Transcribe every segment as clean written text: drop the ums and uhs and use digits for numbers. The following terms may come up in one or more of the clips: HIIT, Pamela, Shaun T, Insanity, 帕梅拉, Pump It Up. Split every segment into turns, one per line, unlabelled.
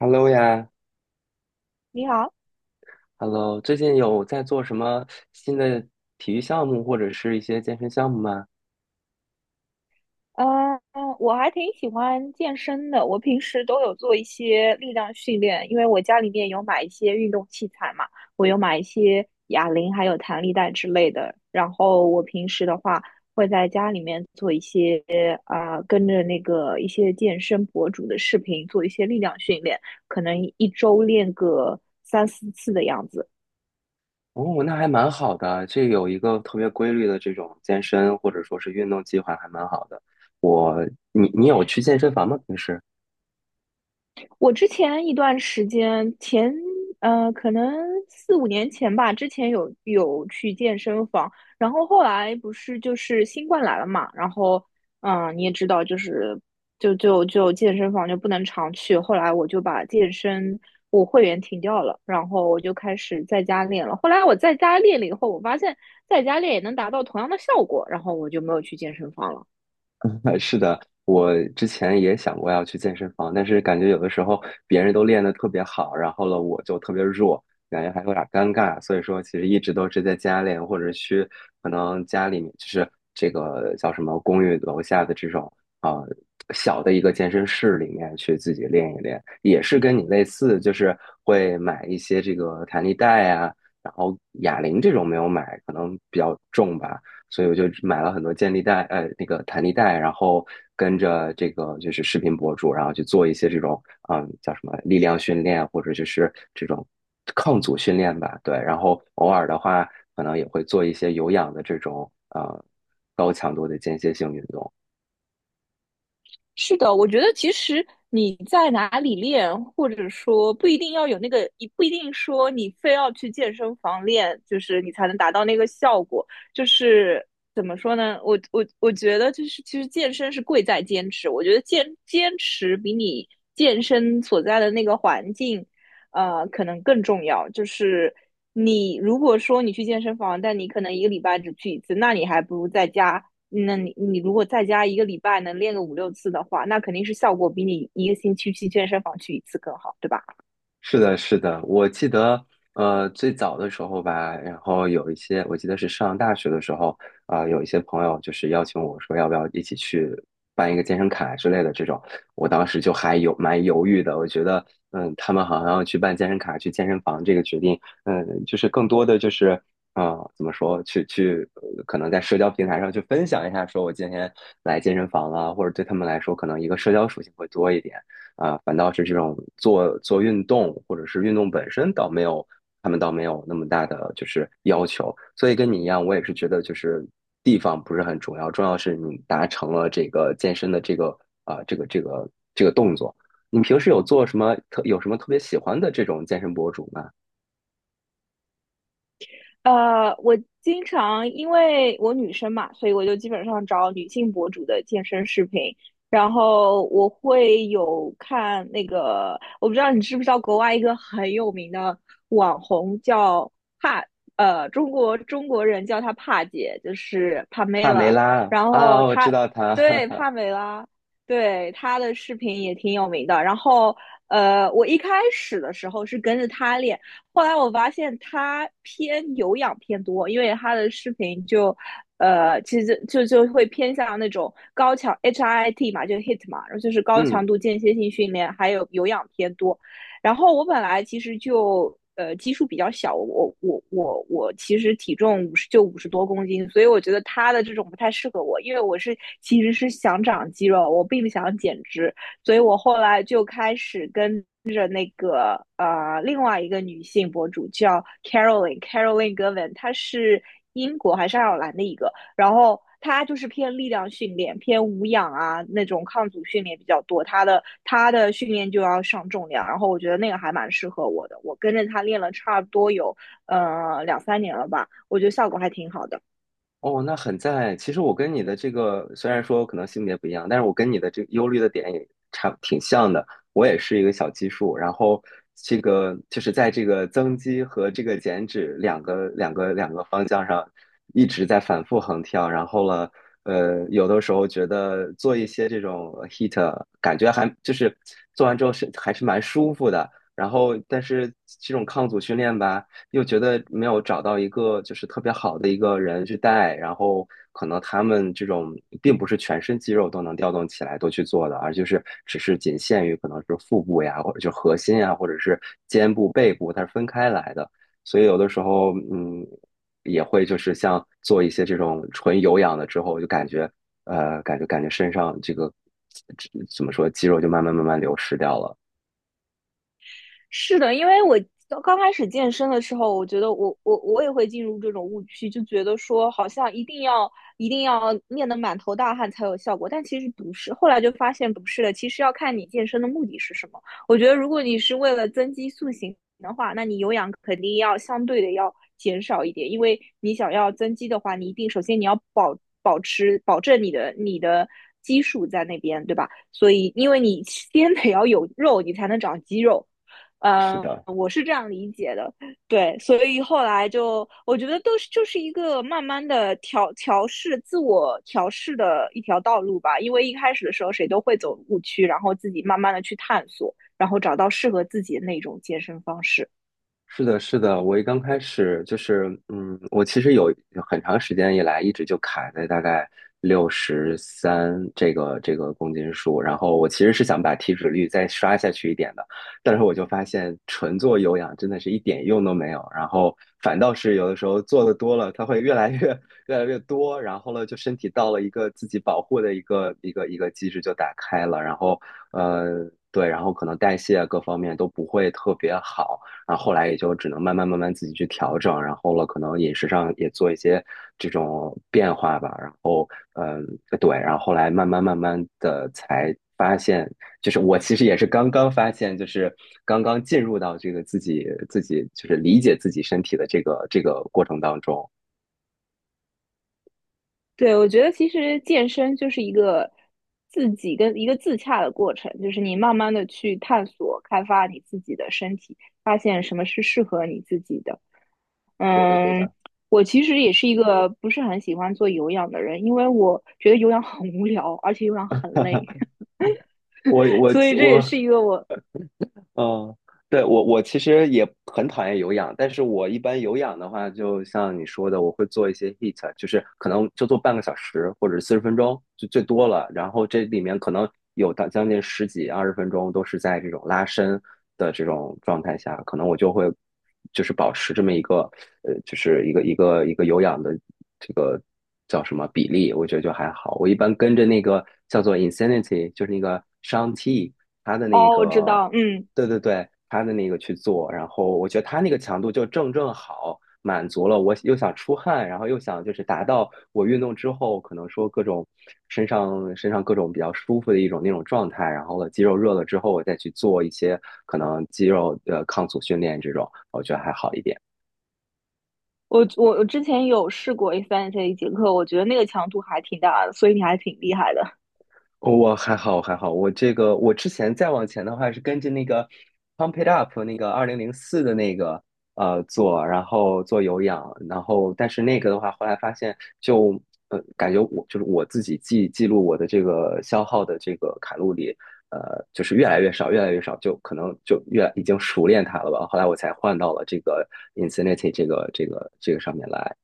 Hello 呀
你好，
，Hello，最近有在做什么新的体育项目或者是一些健身项目吗？
嗯，我还挺喜欢健身的。我平时都有做一些力量训练，因为我家里面有买一些运动器材嘛，我有买一些哑铃，还有弹力带之类的。然后我平时的话，会在家里面做一些跟着那个一些健身博主的视频做一些力量训练，可能一周练个3、4次的样子。
哦，那还蛮好的，这有一个特别规律的这种健身或者说是运动计划，还蛮好的。我，你有去健身房吗？平时？
我之前一段时间前，可能4、5年前吧，之前有去健身房，然后后来不是就是新冠来了嘛，然后，你也知道，就是就健身房就不能常去，后来我就把我会员停掉了，然后我就开始在家练了。后来我在家练了以后，我发现在家练也能达到同样的效果，然后我就没有去健身房了。
是的，我之前也想过要去健身房，但是感觉有的时候别人都练得特别好，然后了我就特别弱，感觉还有点尴尬，所以说其实一直都是在家练，或者去可能家里面就是这个叫什么公寓楼下的这种啊、呃小的一个健身室里面去自己练一练，也是跟你类似，就是会买一些这个弹力带啊，然后哑铃这种没有买，可能比较重吧。所以我就买了很多健力带，那个弹力带，然后跟着这个就是视频博主，然后去做一些这种，叫什么力量训练，或者就是这种抗阻训练吧，对。然后偶尔的话，可能也会做一些有氧的这种，高强度的间歇性运动。
是的，我觉得其实你在哪里练，或者说不一定要有那个，你不一定说你非要去健身房练，就是你才能达到那个效果。就是怎么说呢？我觉得就是其实健身是贵在坚持。我觉得坚持比你健身所在的那个环境，可能更重要。就是你如果说你去健身房，但你可能一个礼拜只去一次，那你还不如在家。那你如果在家一个礼拜能练个5、6次的话，那肯定是效果比你一个星期去健身房去一次更好，对吧？
是的，是的，我记得，最早的时候吧，然后有一些，我记得是上大学的时候，有一些朋友就是邀请我说，要不要一起去办一个健身卡之类的这种，我当时就还有蛮犹豫的，我觉得，他们好像要去办健身卡、去健身房这个决定，就是更多的就是。怎么说？去去，呃可能在社交平台上去分享一下，说我今天来健身房了，或者对他们来说，可能一个社交属性会多一点。反倒是这种做做运动或者是运动本身倒没有，他们倒没有那么大的就是要求。所以跟你一样，我也是觉得就是地方不是很重要，重要是你达成了这个健身的啊、这个这个这个动作。你平时有做什么特有什么特别喜欢的这种健身博主吗？
我经常因为我女生嘛，所以我就基本上找女性博主的健身视频，然后我会有看那个，我不知道你知不知道国外一个很有名的网红叫帕，中国人叫她帕姐，就是帕梅
帕梅
拉，
拉啊，
然
啊
后
我知
她
道她，
对， 帕梅拉，对她的视频也挺有名的，然后。我一开始的时候是跟着她练，后来我发现他偏有氧偏多，因为他的视频就，其实就会偏向那种HIIT 嘛，就 HIT 嘛，然后就是高
嗯
强度间歇性训练，还有有氧偏多。然后我本来其实就基数比较小，我其实体重50多公斤，所以我觉得他的这种不太适合我，因为我是其实是想长肌肉，我并不想减脂，所以我后来就开始跟另外一个女性博主叫 Caroline，Caroline Govan，她是英国还是爱尔兰的一个，然后她就是偏力量训练、偏无氧啊那种抗阻训练比较多，她的训练就要上重量，然后我觉得那个还蛮适合我的，我跟着她练了差不多有2、3年了吧，我觉得效果还挺好的。
哦，那很赞。其实我跟你的这个虽然说可能性别不一样，但是我跟你的这个忧虑的点也差挺像的。我也是一个小基数，然后这个就是在这个增肌和这个减脂两个方向上一直在反复横跳。然后了，有的时候觉得做一些这种 h e a t 感觉还就是做完之后是还是蛮舒服的。然后，但是这种抗阻训练吧。又觉得没有找到一个就是特别好的一个人去带，然后可能他们这种并不是全身肌肉都能调动起来都去做的，而就是只是仅限于可能是腹部呀，或者就核心呀，或者是肩部、背部，它是分开来的。所以有的时候，也会就是像做一些这种纯有氧的之后，就感觉感觉身上这个这怎么说，肌肉就慢慢慢慢流失掉了。
是的，因为我刚开始健身的时候，我觉得我也会进入这种误区，就觉得说好像一定要练得满头大汗才有效果，但其实不是。后来就发现不是的，其实要看你健身的目的是什么。我觉得如果你是为了增肌塑形的话，那你有氧肯定要相对的要减少一点，因为你想要增肌的话，你一定首先你要保证你的。基数在那边，对吧？所以，因为你先得要有肉，你才能长肌肉。
是的，
我是这样理解的，对，所以后来就我觉得都是就是一个慢慢的调试、自我调试的一条道路吧。因为一开始的时候谁都会走误区，然后自己慢慢的去探索，然后找到适合自己的那种健身方式。
是的，是的，我刚开始就是，我其实有很长时间以来一直就卡在大概63这个公斤数，然后我其实是想把体脂率再刷下去一点的，但是我就发现纯做有氧真的是一点用都没有，然后反倒是有的时候做的多了，它会越来越 越来越多，然后呢，就身体到了一个自己保护的一个机制就打开了，然后对，然后可能代谢啊各方面都不会特别好。然后后来也就只能慢慢慢慢自己去调整，然后了可能饮食上也做一些这种变化吧，然后嗯对，然后后来慢慢慢慢的才发现，就是我其实也是刚刚发现，就是刚刚进入到这个自己就是理解自己身体的这个过程当中，
对，我觉得其实健身就是一个自己跟一个自洽的过程，就是你慢慢的去探索、开发你自己的身体，发现什么是适合你自己的。
对的对的。
嗯，我其实也是一个不是很喜欢做有氧的人，因为我觉得有氧很无聊，而且有氧很累，
我 我
所以这也
我
是一个我
嗯，对，我其实也很讨厌有氧，但是我一般有氧的话，就像你说的，我会做一些 h e a t 就是可能就做半个小时或者40分钟就最多了，然后这里面可能有到将近十几二十分钟都是在这种拉伸的这种状态下，可能我就会就是保持这么一个就是一个有氧的这个叫什么比例，我觉得就还好。我一般跟着那个叫做 Insanity，就是那个 Shaun T。他的那
哦，我知
个
道。嗯，
对对对，他的那个去做，然后我觉得他那个强度就正好，满足了我又想出汗，然后又想就是达到我运动之后可能说各种身上各种比较舒服的一种那种状态，然后了肌肉热了之后，我再去做一些可能肌肉的抗阻训练这种，我觉得还好一点。
我之前有试过 A3这一节课，我觉得那个强度还挺大的，所以你还挺厉害的。
我还好，还好。我这个，我之前再往前的话是跟着那个《Pump It Up》那个2004的那个做，然后做有氧，然后但是那个的话，后来发现就感觉我就是我自己记录我的这个消耗的这个卡路里，呃就是越来越少，越来越少，就可能就越已经熟练它了吧。后来我才换到了这个 Insanity 这个上面来。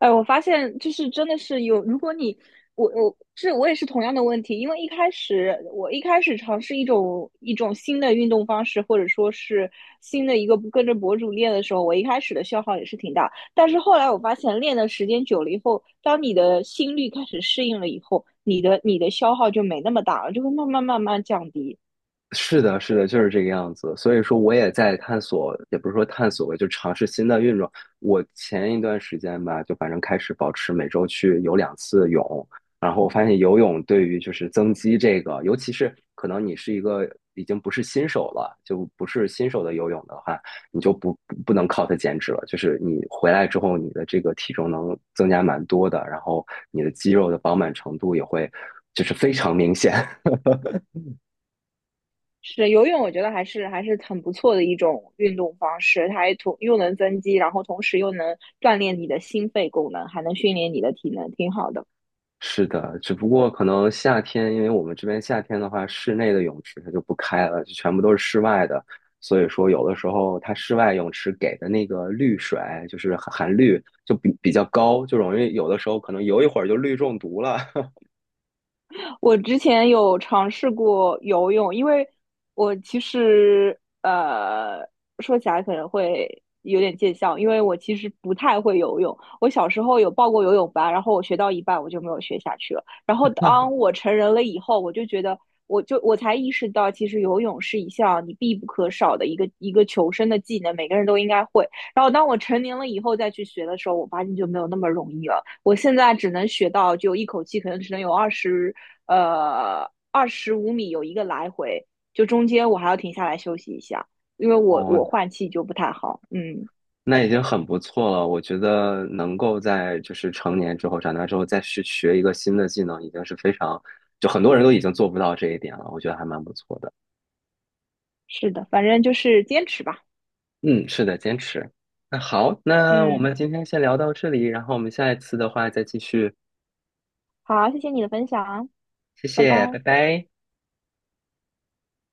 哎，我发现就是真的是有，如果你我也是同样的问题，因为一开始我一开始尝试一种新的运动方式，或者说是新的一个跟着博主练的时候，我一开始的消耗也是挺大，但是后来我发现练的时间久了以后，当你的心率开始适应了以后，你的消耗就没那么大了，就会慢慢慢慢降低。
是的，是的，就是这个样子。所以说，我也在探索，也不是说探索吧，就尝试新的运动。我前一段时间吧，就反正开始保持每周去游两次泳，然后我发现游泳对于就是增肌这个，尤其是可能你是一个已经不是新手了，就不是新手的游泳的话，你就不能靠它减脂了。就是你回来之后，你的这个体重能增加蛮多的，然后你的肌肉的饱满程度也会就是非常明显。
是游泳，我觉得还是很不错的一种运动方式，它还同又能增肌，然后同时又能锻炼你的心肺功能，还能训练你的体能，挺好的。
是的，只不过可能夏天，因为我们这边夏天的话，室内的泳池它就不开了，就全部都是室外的。所以说，有的时候它室外泳池给的那个氯水，就是含氯，就比较高，就容易有的时候可能游一会儿就氯中毒了。
我之前有尝试过游泳，因为我其实说起来可能会有点见笑，因为我其实不太会游泳。我小时候有报过游泳班，然后我学到一半我就没有学下去了。然后当 我成人了以后，我就觉得，我才意识到，其实游泳是一项你必不可少的一个求生的技能，每个人都应该会。然后当我成年了以后再去学的时候，我发现就没有那么容易了。我现在只能学到就一口气，可能只能有25米有一个来回，就中间我还要停下来休息一下，因为我
哦，
我换气就不太好。嗯，
那已经很不错了。我觉得能够在就是成年之后、长大之后再去学一个新的技能，已经是非常，就很多人都已经做不到这一点了。我觉得还蛮不错的。
是的，反正就是坚持吧。
嗯，是的，坚持。那好，那我
嗯，
们今天先聊到这里，然后我们下一次的话再继续。
好啊，谢谢你的分享啊，
谢
拜
谢，
拜。
拜拜。